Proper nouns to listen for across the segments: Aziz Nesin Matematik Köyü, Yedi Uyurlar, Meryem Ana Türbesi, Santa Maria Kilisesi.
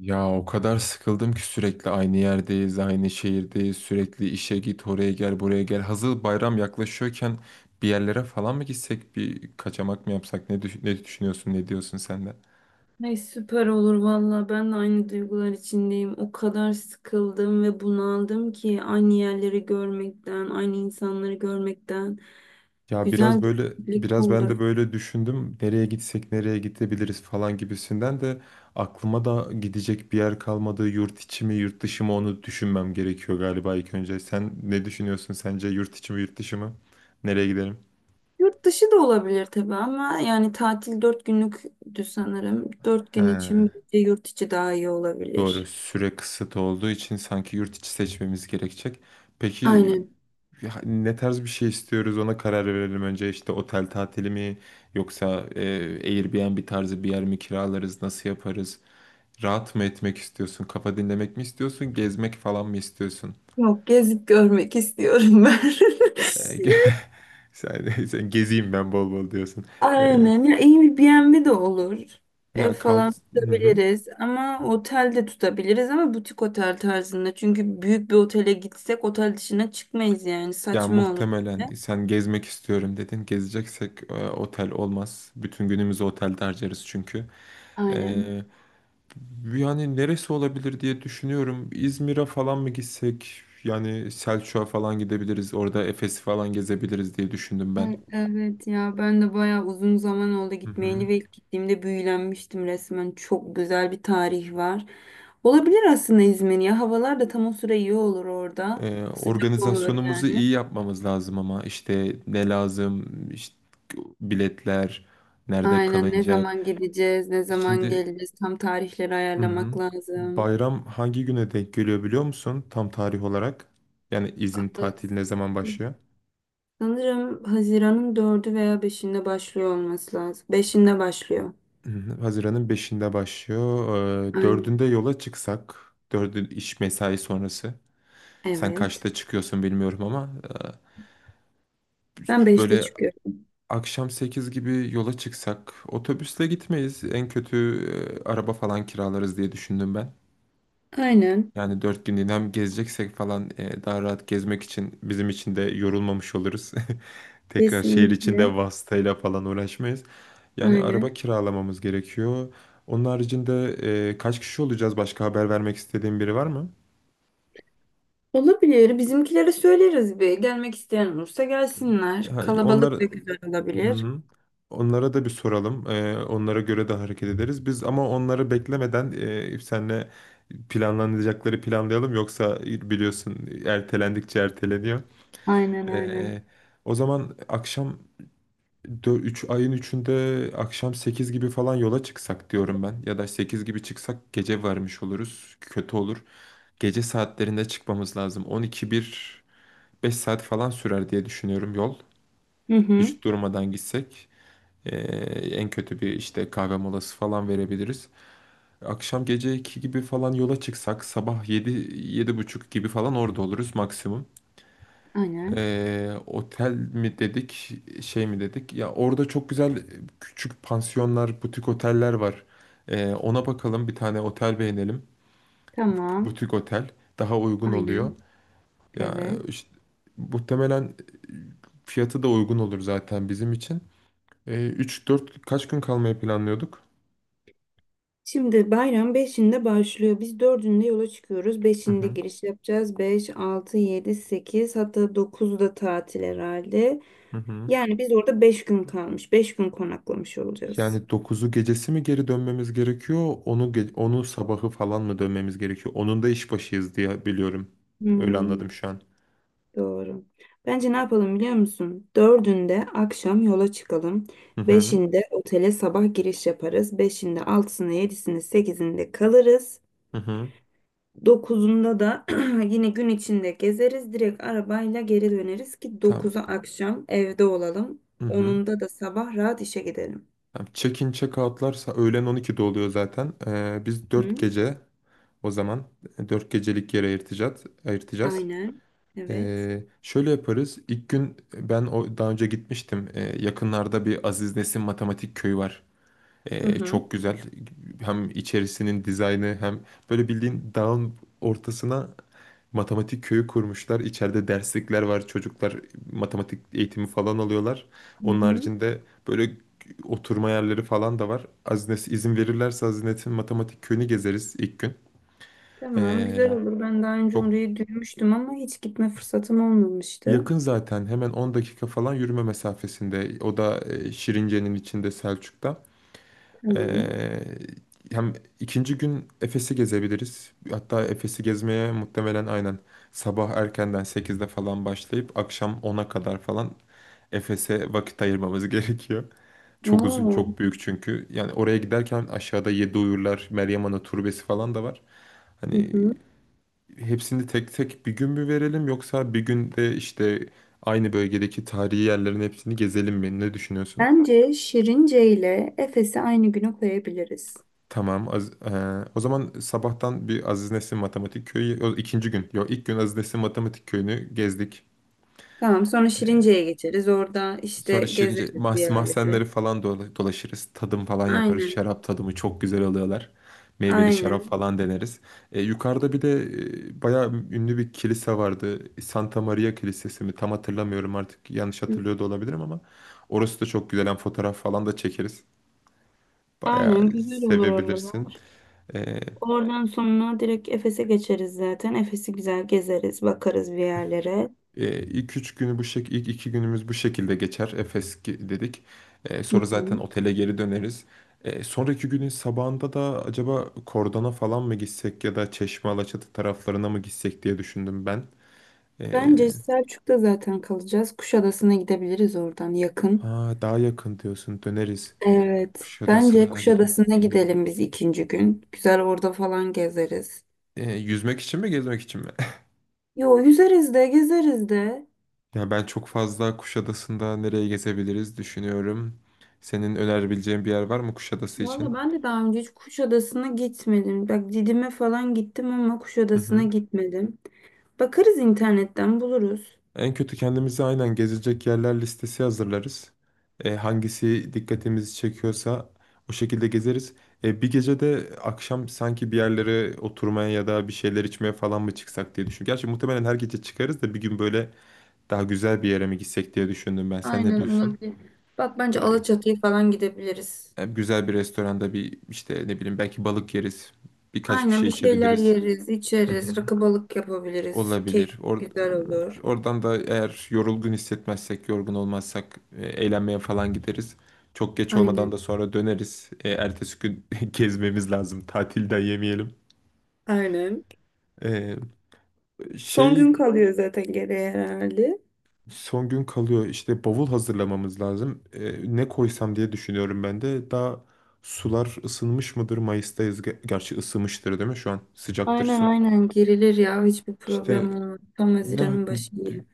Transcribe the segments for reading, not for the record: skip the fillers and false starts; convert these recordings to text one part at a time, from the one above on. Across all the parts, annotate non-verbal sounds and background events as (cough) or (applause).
Ya o kadar sıkıldım ki sürekli aynı yerdeyiz, aynı şehirdeyiz, sürekli işe git, oraya gel, buraya gel. Hazır bayram yaklaşıyorken bir yerlere falan mı gitsek, bir kaçamak mı yapsak, ne, ne düşünüyorsun, ne diyorsun sen de? Ay süper olur valla ben de aynı duygular içindeyim. O kadar sıkıldım ve bunaldım ki aynı yerleri görmekten, aynı insanları görmekten. Ya biraz Güzel bir böyle, birlik biraz ben olur. de böyle düşündüm. Nereye gitsek, nereye gidebiliriz falan gibisinden de aklıma da gidecek bir yer kalmadı. Yurt içi mi, yurt dışı mı onu düşünmem gerekiyor galiba ilk önce. Sen ne düşünüyorsun sence yurt içi mi, yurt dışı mı? Nereye gidelim? Yurt dışı da olabilir tabii ama yani tatil dört günlüktü sanırım. Dört He. gün için bence yurt içi daha iyi Doğru. olabilir. Süre kısıt olduğu için sanki yurt içi seçmemiz gerekecek. Peki Aynen. ya ne tarz bir şey istiyoruz ona karar verelim önce. İşte otel tatili mi yoksa Airbnb tarzı bir yer mi kiralarız, nasıl yaparız? Rahat mı etmek istiyorsun, kafa dinlemek mi istiyorsun, gezmek falan mı istiyorsun? Yok gezip görmek istiyorum ben. (laughs) E, ge- (laughs) sen gezeyim ben bol bol diyorsun. E, Aynen. Ya iyi bir B&B de olur. Ev ya kal... falan Hı hı. tutabiliriz ama otel de tutabiliriz ama butik otel tarzında. Çünkü büyük bir otele gitsek otel dışına çıkmayız yani. Ya Saçma olur. muhtemelen sen gezmek istiyorum dedin. Gezeceksek otel olmaz. Bütün günümüzü otelde harcarız çünkü. Aynen. Ee, yani neresi olabilir diye düşünüyorum. İzmir'e falan mı gitsek? Yani Selçuk'a falan gidebiliriz. Orada Efes'i falan gezebiliriz diye düşündüm ben. Ay, evet ya ben de bayağı uzun zaman oldu Hı hı. gitmeyeli ve ilk gittiğimde büyülenmiştim resmen. Çok güzel bir tarih var. Olabilir aslında İzmir ya. Havalar da tam o süre iyi olur orada. Sıcak olur Organizasyonumuzu yani. iyi yapmamız lazım ama işte ne lazım, işte biletler, nerede Aynen, ne kalınacak. zaman gideceğiz, ne zaman Şimdi geleceğiz tam tarihleri hı hı. ayarlamak lazım. Bayram hangi güne denk geliyor biliyor musun? Tam tarih olarak. Yani izin Evet. tatil ne zaman başlıyor? Sanırım Haziran'ın 4'ü veya 5'inde başlıyor olması lazım. 5'inde başlıyor. Hı hı. Haziran'ın 5'inde başlıyor. Aynen. 4'ünde yola çıksak, 4'ü iş mesai sonrası. Sen Evet. kaçta çıkıyorsun bilmiyorum ama Ben 5'te böyle çıkıyorum. akşam 8 gibi yola çıksak otobüsle gitmeyiz. En kötü araba falan kiralarız diye düşündüm ben. Aynen. Yani 4 günlüğüne hem gezeceksek falan daha rahat gezmek için bizim için de yorulmamış oluruz. (laughs) Tekrar şehir Kesinlikle. içinde vasıtayla falan uğraşmayız. Yani araba Aynen. kiralamamız gerekiyor. Onun haricinde kaç kişi olacağız? Başka haber vermek istediğin biri var mı? Olabilir. Bizimkilere söyleriz bir. Gelmek isteyen olursa gelsinler. Ha, Kalabalık da güzel hı olabilir. hı. Onlara da bir soralım. Onlara göre de hareket ederiz. Biz ama onları beklemeden senle planlanacakları planlayalım. Yoksa biliyorsun ertelendikçe erteleniyor. Aynen, aynen. E, O zaman akşam 3 ayın 3'ünde akşam 8 gibi falan yola çıksak diyorum ben. Ya da 8 gibi çıksak gece varmış oluruz. Kötü olur. Gece saatlerinde çıkmamız lazım. 12 bir, 5 saat falan sürer diye düşünüyorum yol. Hı hı. Hiç durmadan gitsek. Ee, En kötü bir işte kahve molası falan verebiliriz. Akşam gece 2 gibi falan yola çıksak sabah 7, 7 buçuk gibi falan orada oluruz maksimum. Aynen. Otel mi dedik, şey mi dedik? Ya orada çok güzel küçük pansiyonlar, butik oteller var. Ona bakalım bir tane otel beğenelim. Tamam. Butik otel daha uygun oluyor. Aynen. Ya Evet. işte, muhtemelen fiyatı da uygun olur zaten bizim için. 3-4 kaç gün kalmayı planlıyorduk? Şimdi bayram 5'inde başlıyor. Biz 4'ünde yola çıkıyoruz. Hı 5'inde hı, giriş yapacağız. 5, 6, 7, 8 hatta 9 da tatil herhalde. hı hı. Yani biz orada 5 gün kalmış, 5 gün konaklamış olacağız. Yani dokuzu gecesi mi geri dönmemiz gerekiyor? Onu sabahı falan mı dönmemiz gerekiyor? Onun da işbaşıyız diye biliyorum. Öyle Hmm, anladım şu doğru. Bence ne yapalım biliyor musun? 4'ünde akşam yola çıkalım. an. 5'inde otele sabah giriş yaparız. 5'inde, 6'sında, 7'sinde, 8'inde kalırız. Hı hı. Dokuzunda da (clears throat) yine gün içinde gezeriz. Direkt arabayla geri döneriz ki Tamam. dokuza akşam evde olalım. Hı hı. Onunda da sabah rahat işe gidelim. Tamam. Check-in, check-out'lar öğlen 12'de oluyor zaten. Biz dört Hı, gece o zaman 4 gecelik yere ayırtacağız. Aynen. Evet. Şöyle yaparız. İlk gün ben o daha önce gitmiştim. Yakınlarda bir Aziz Nesin Matematik Köyü var. Hı hı. Çok güzel. Hem içerisinin dizaynı hem böyle bildiğin dağın ortasına matematik köyü kurmuşlar. İçeride derslikler var. Çocuklar matematik eğitimi falan alıyorlar. Hı Onun hı. haricinde böyle oturma yerleri falan da var. Hazinesi izin verirlerse hazinetin matematik köyünü gezeriz ilk gün. Tamam, güzel Ee, olur. Ben daha önce Çok orayı duymuştum ama hiç gitme fırsatım olmamıştı. yakın zaten. Hemen 10 dakika falan yürüme mesafesinde. O da Şirince'nin içinde Selçuk'ta. Tamam. Ee, Hem ikinci gün Efes'i gezebiliriz. Hatta Efes'i gezmeye muhtemelen aynen sabah erkenden 8'de falan başlayıp akşam 10'a kadar falan Efes'e vakit ayırmamız (laughs) gerekiyor. Çok uzun, Aa, çok büyük çünkü. Yani oraya giderken aşağıda Yedi Uyurlar, Meryem Ana Türbesi falan da var. hı Hani hı. hepsini tek tek bir gün mü verelim yoksa bir günde işte aynı bölgedeki tarihi yerlerin hepsini gezelim mi? Ne düşünüyorsun? Bence Şirince ile Efes'i aynı güne koyabiliriz. Tamam. O zaman sabahtan bir Aziz Nesin Matematik Köyü, o ikinci gün. Yok ilk gün Aziz Nesin Matematik Köyü'nü gezdik. Tamam, sonra Şirince'ye geçeriz. Orada işte Sonra Şirince gezeriz diğerleri. mahzenleri falan dolaşırız. Tadım falan yaparız. Aynen, Şarap tadımı çok güzel alıyorlar. Meyveli şarap aynen. falan deneriz. Yukarıda bir de bayağı ünlü bir kilise vardı. Santa Maria Kilisesi mi? Tam hatırlamıyorum artık. Yanlış Hı. hatırlıyor da olabilirim ama. Orası da çok güzel. Hem fotoğraf falan da çekeriz. Aynen, Bayağı güzel olur orada. sevebilirsin. E, Oradan sonra direkt Efes'e geçeriz zaten. Efes'i güzel gezeriz, bakarız bir yerlere. E, ilk üç günü bu ilk iki günümüz bu şekilde geçer. Efes dedik. Hı Sonra zaten hı. otele geri döneriz. Sonraki günün sabahında da acaba Kordon'a falan mı gitsek ya da Çeşme Alaçatı taraflarına mı gitsek diye düşündüm ben. E, Bence Selçuk'ta zaten kalacağız. Kuşadası'na gidebiliriz, oradan yakın. ha, daha yakın diyorsun döneriz. Evet. Bence Kuşadası'na da gidelim. Kuşadası'na gidelim biz ikinci gün. Güzel orada falan gezeriz. Yüzmek için mi gezmek için mi? (laughs) Yo, yüzeriz de gezeriz de. Ya ben çok fazla Kuşadası'nda nereye gezebiliriz düşünüyorum. Senin önerebileceğin bir yer var mı Kuşadası Valla için? ben de daha önce hiç Kuşadası'na gitmedim. Bak, Didim'e falan gittim ama Hı Kuşadası'na hı. gitmedim. Bakarız, internetten buluruz. En kötü kendimize aynen gezecek yerler listesi hazırlarız. Hangisi dikkatimizi çekiyorsa o şekilde gezeriz. Bir gece de akşam sanki bir yerlere oturmaya ya da bir şeyler içmeye falan mı çıksak diye düşün. Gerçi muhtemelen her gece çıkarız da bir gün böyle daha güzel bir yere mi gitsek diye düşündüm ben. Sen ne Aynen, diyorsun? olabilir. Bak, bence Böyle Alaçatı'ya falan gidebiliriz. Güzel bir restoranda bir işte ne bileyim belki balık yeriz. Birkaç bir Aynen, şey bir şeyler içebiliriz. yeriz, içeriz, rakı balık yapabiliriz. Olabilir. Keyifli, güzel olur. Oradan da eğer yorulgun hissetmezsek, yorgun olmazsak eğlenmeye falan gideriz. Çok geç olmadan Aynen. da sonra döneriz. Ertesi gün (laughs) gezmemiz lazım. Tatilden yemeyelim. Aynen. E, Son şey gün kalıyor zaten geriye herhalde. son gün kalıyor. İşte bavul hazırlamamız lazım. Ne koysam diye düşünüyorum ben de. Daha sular ısınmış mıdır? Mayıs'tayız. Gerçi ısınmıştır değil mi? Şu an sıcaktır Aynen su. aynen girilir ya, hiçbir İşte problem olmaz. Tam ne Haziran'ın başı iyi.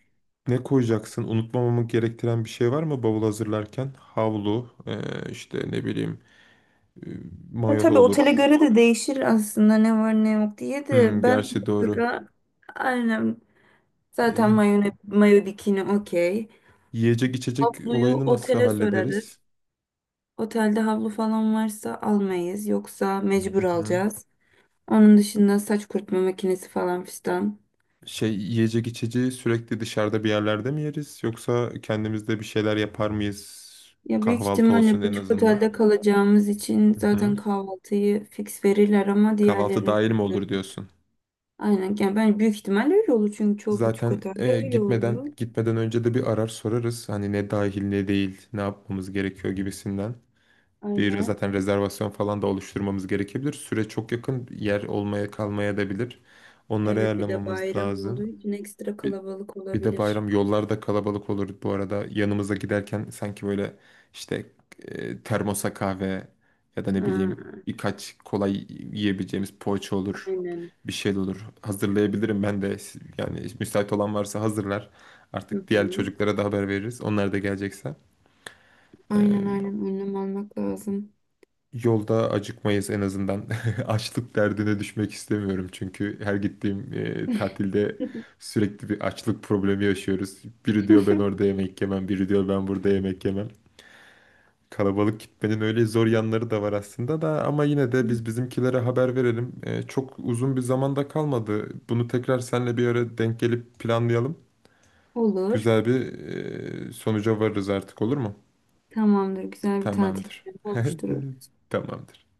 Ne koyacaksın? Unutmamamı gerektiren bir şey var mı bavul hazırlarken? Havlu, işte ne bileyim, e, Ya mayo tabii otele olur. göre de değişir aslında, ne var ne yok diye Hmm, de ben gerçi doğru. mutlaka aynen zaten E, mayo, mayo bikini okey. Yiyecek içecek Havluyu olayını nasıl otele sorarız. hallederiz? Otelde havlu falan varsa almayız. Yoksa Hı mecbur hı. alacağız. Onun dışında saç kurutma makinesi falan fistan. Şey, yiyecek içeceği sürekli dışarıda bir yerlerde mi yeriz? Yoksa kendimizde bir şeyler yapar mıyız? Ya büyük Kahvaltı ihtimalle olsun en butik azından. otelde kalacağımız için Hı zaten hı. kahvaltıyı fix verirler ama Kahvaltı diğerlerini dahil mi olur bilmiyorum. diyorsun? Aynen. Yani ben büyük ihtimalle öyle olur çünkü çoğu butik Zaten otelde öyle gitmeden oluyor. gitmeden önce de bir arar sorarız. Hani ne dahil ne değil, ne yapmamız gerekiyor gibisinden. Bir Aynen. zaten rezervasyon falan da oluşturmamız gerekebilir. Süre çok yakın, yer olmaya kalmaya da bilir. Onları Evet, bir de ayarlamamız bayram lazım. olduğu için ekstra Bir, kalabalık bir de olabilir. bayram yollarda kalabalık olur bu arada. Yanımıza giderken sanki böyle işte termosa kahve ya da ne bileyim Ha, birkaç kolay yiyebileceğimiz poğaça olur. aynen. Bir şey olur. Hazırlayabilirim ben de. Yani müsait olan varsa hazırlar. Hı Artık diğer hı. çocuklara da haber veririz. Onlar da gelecekse. Aynen aynen, önlem almak lazım. Yolda acıkmayız en azından. (laughs) Açlık derdine düşmek istemiyorum çünkü her gittiğim tatilde sürekli bir açlık problemi yaşıyoruz. Biri diyor ben orada yemek yemem, biri diyor ben burada yemek yemem. Kalabalık gitmenin öyle zor yanları da var aslında da ama yine de biz (laughs) bizimkilere haber verelim. Çok uzun bir zamanda kalmadı. Bunu tekrar seninle bir ara denk gelip planlayalım. Olur. Güzel bir sonuca varırız artık olur mu? Tamamdır. Güzel bir tatil Tamamdır. planı oluştururuz. Tamamdır.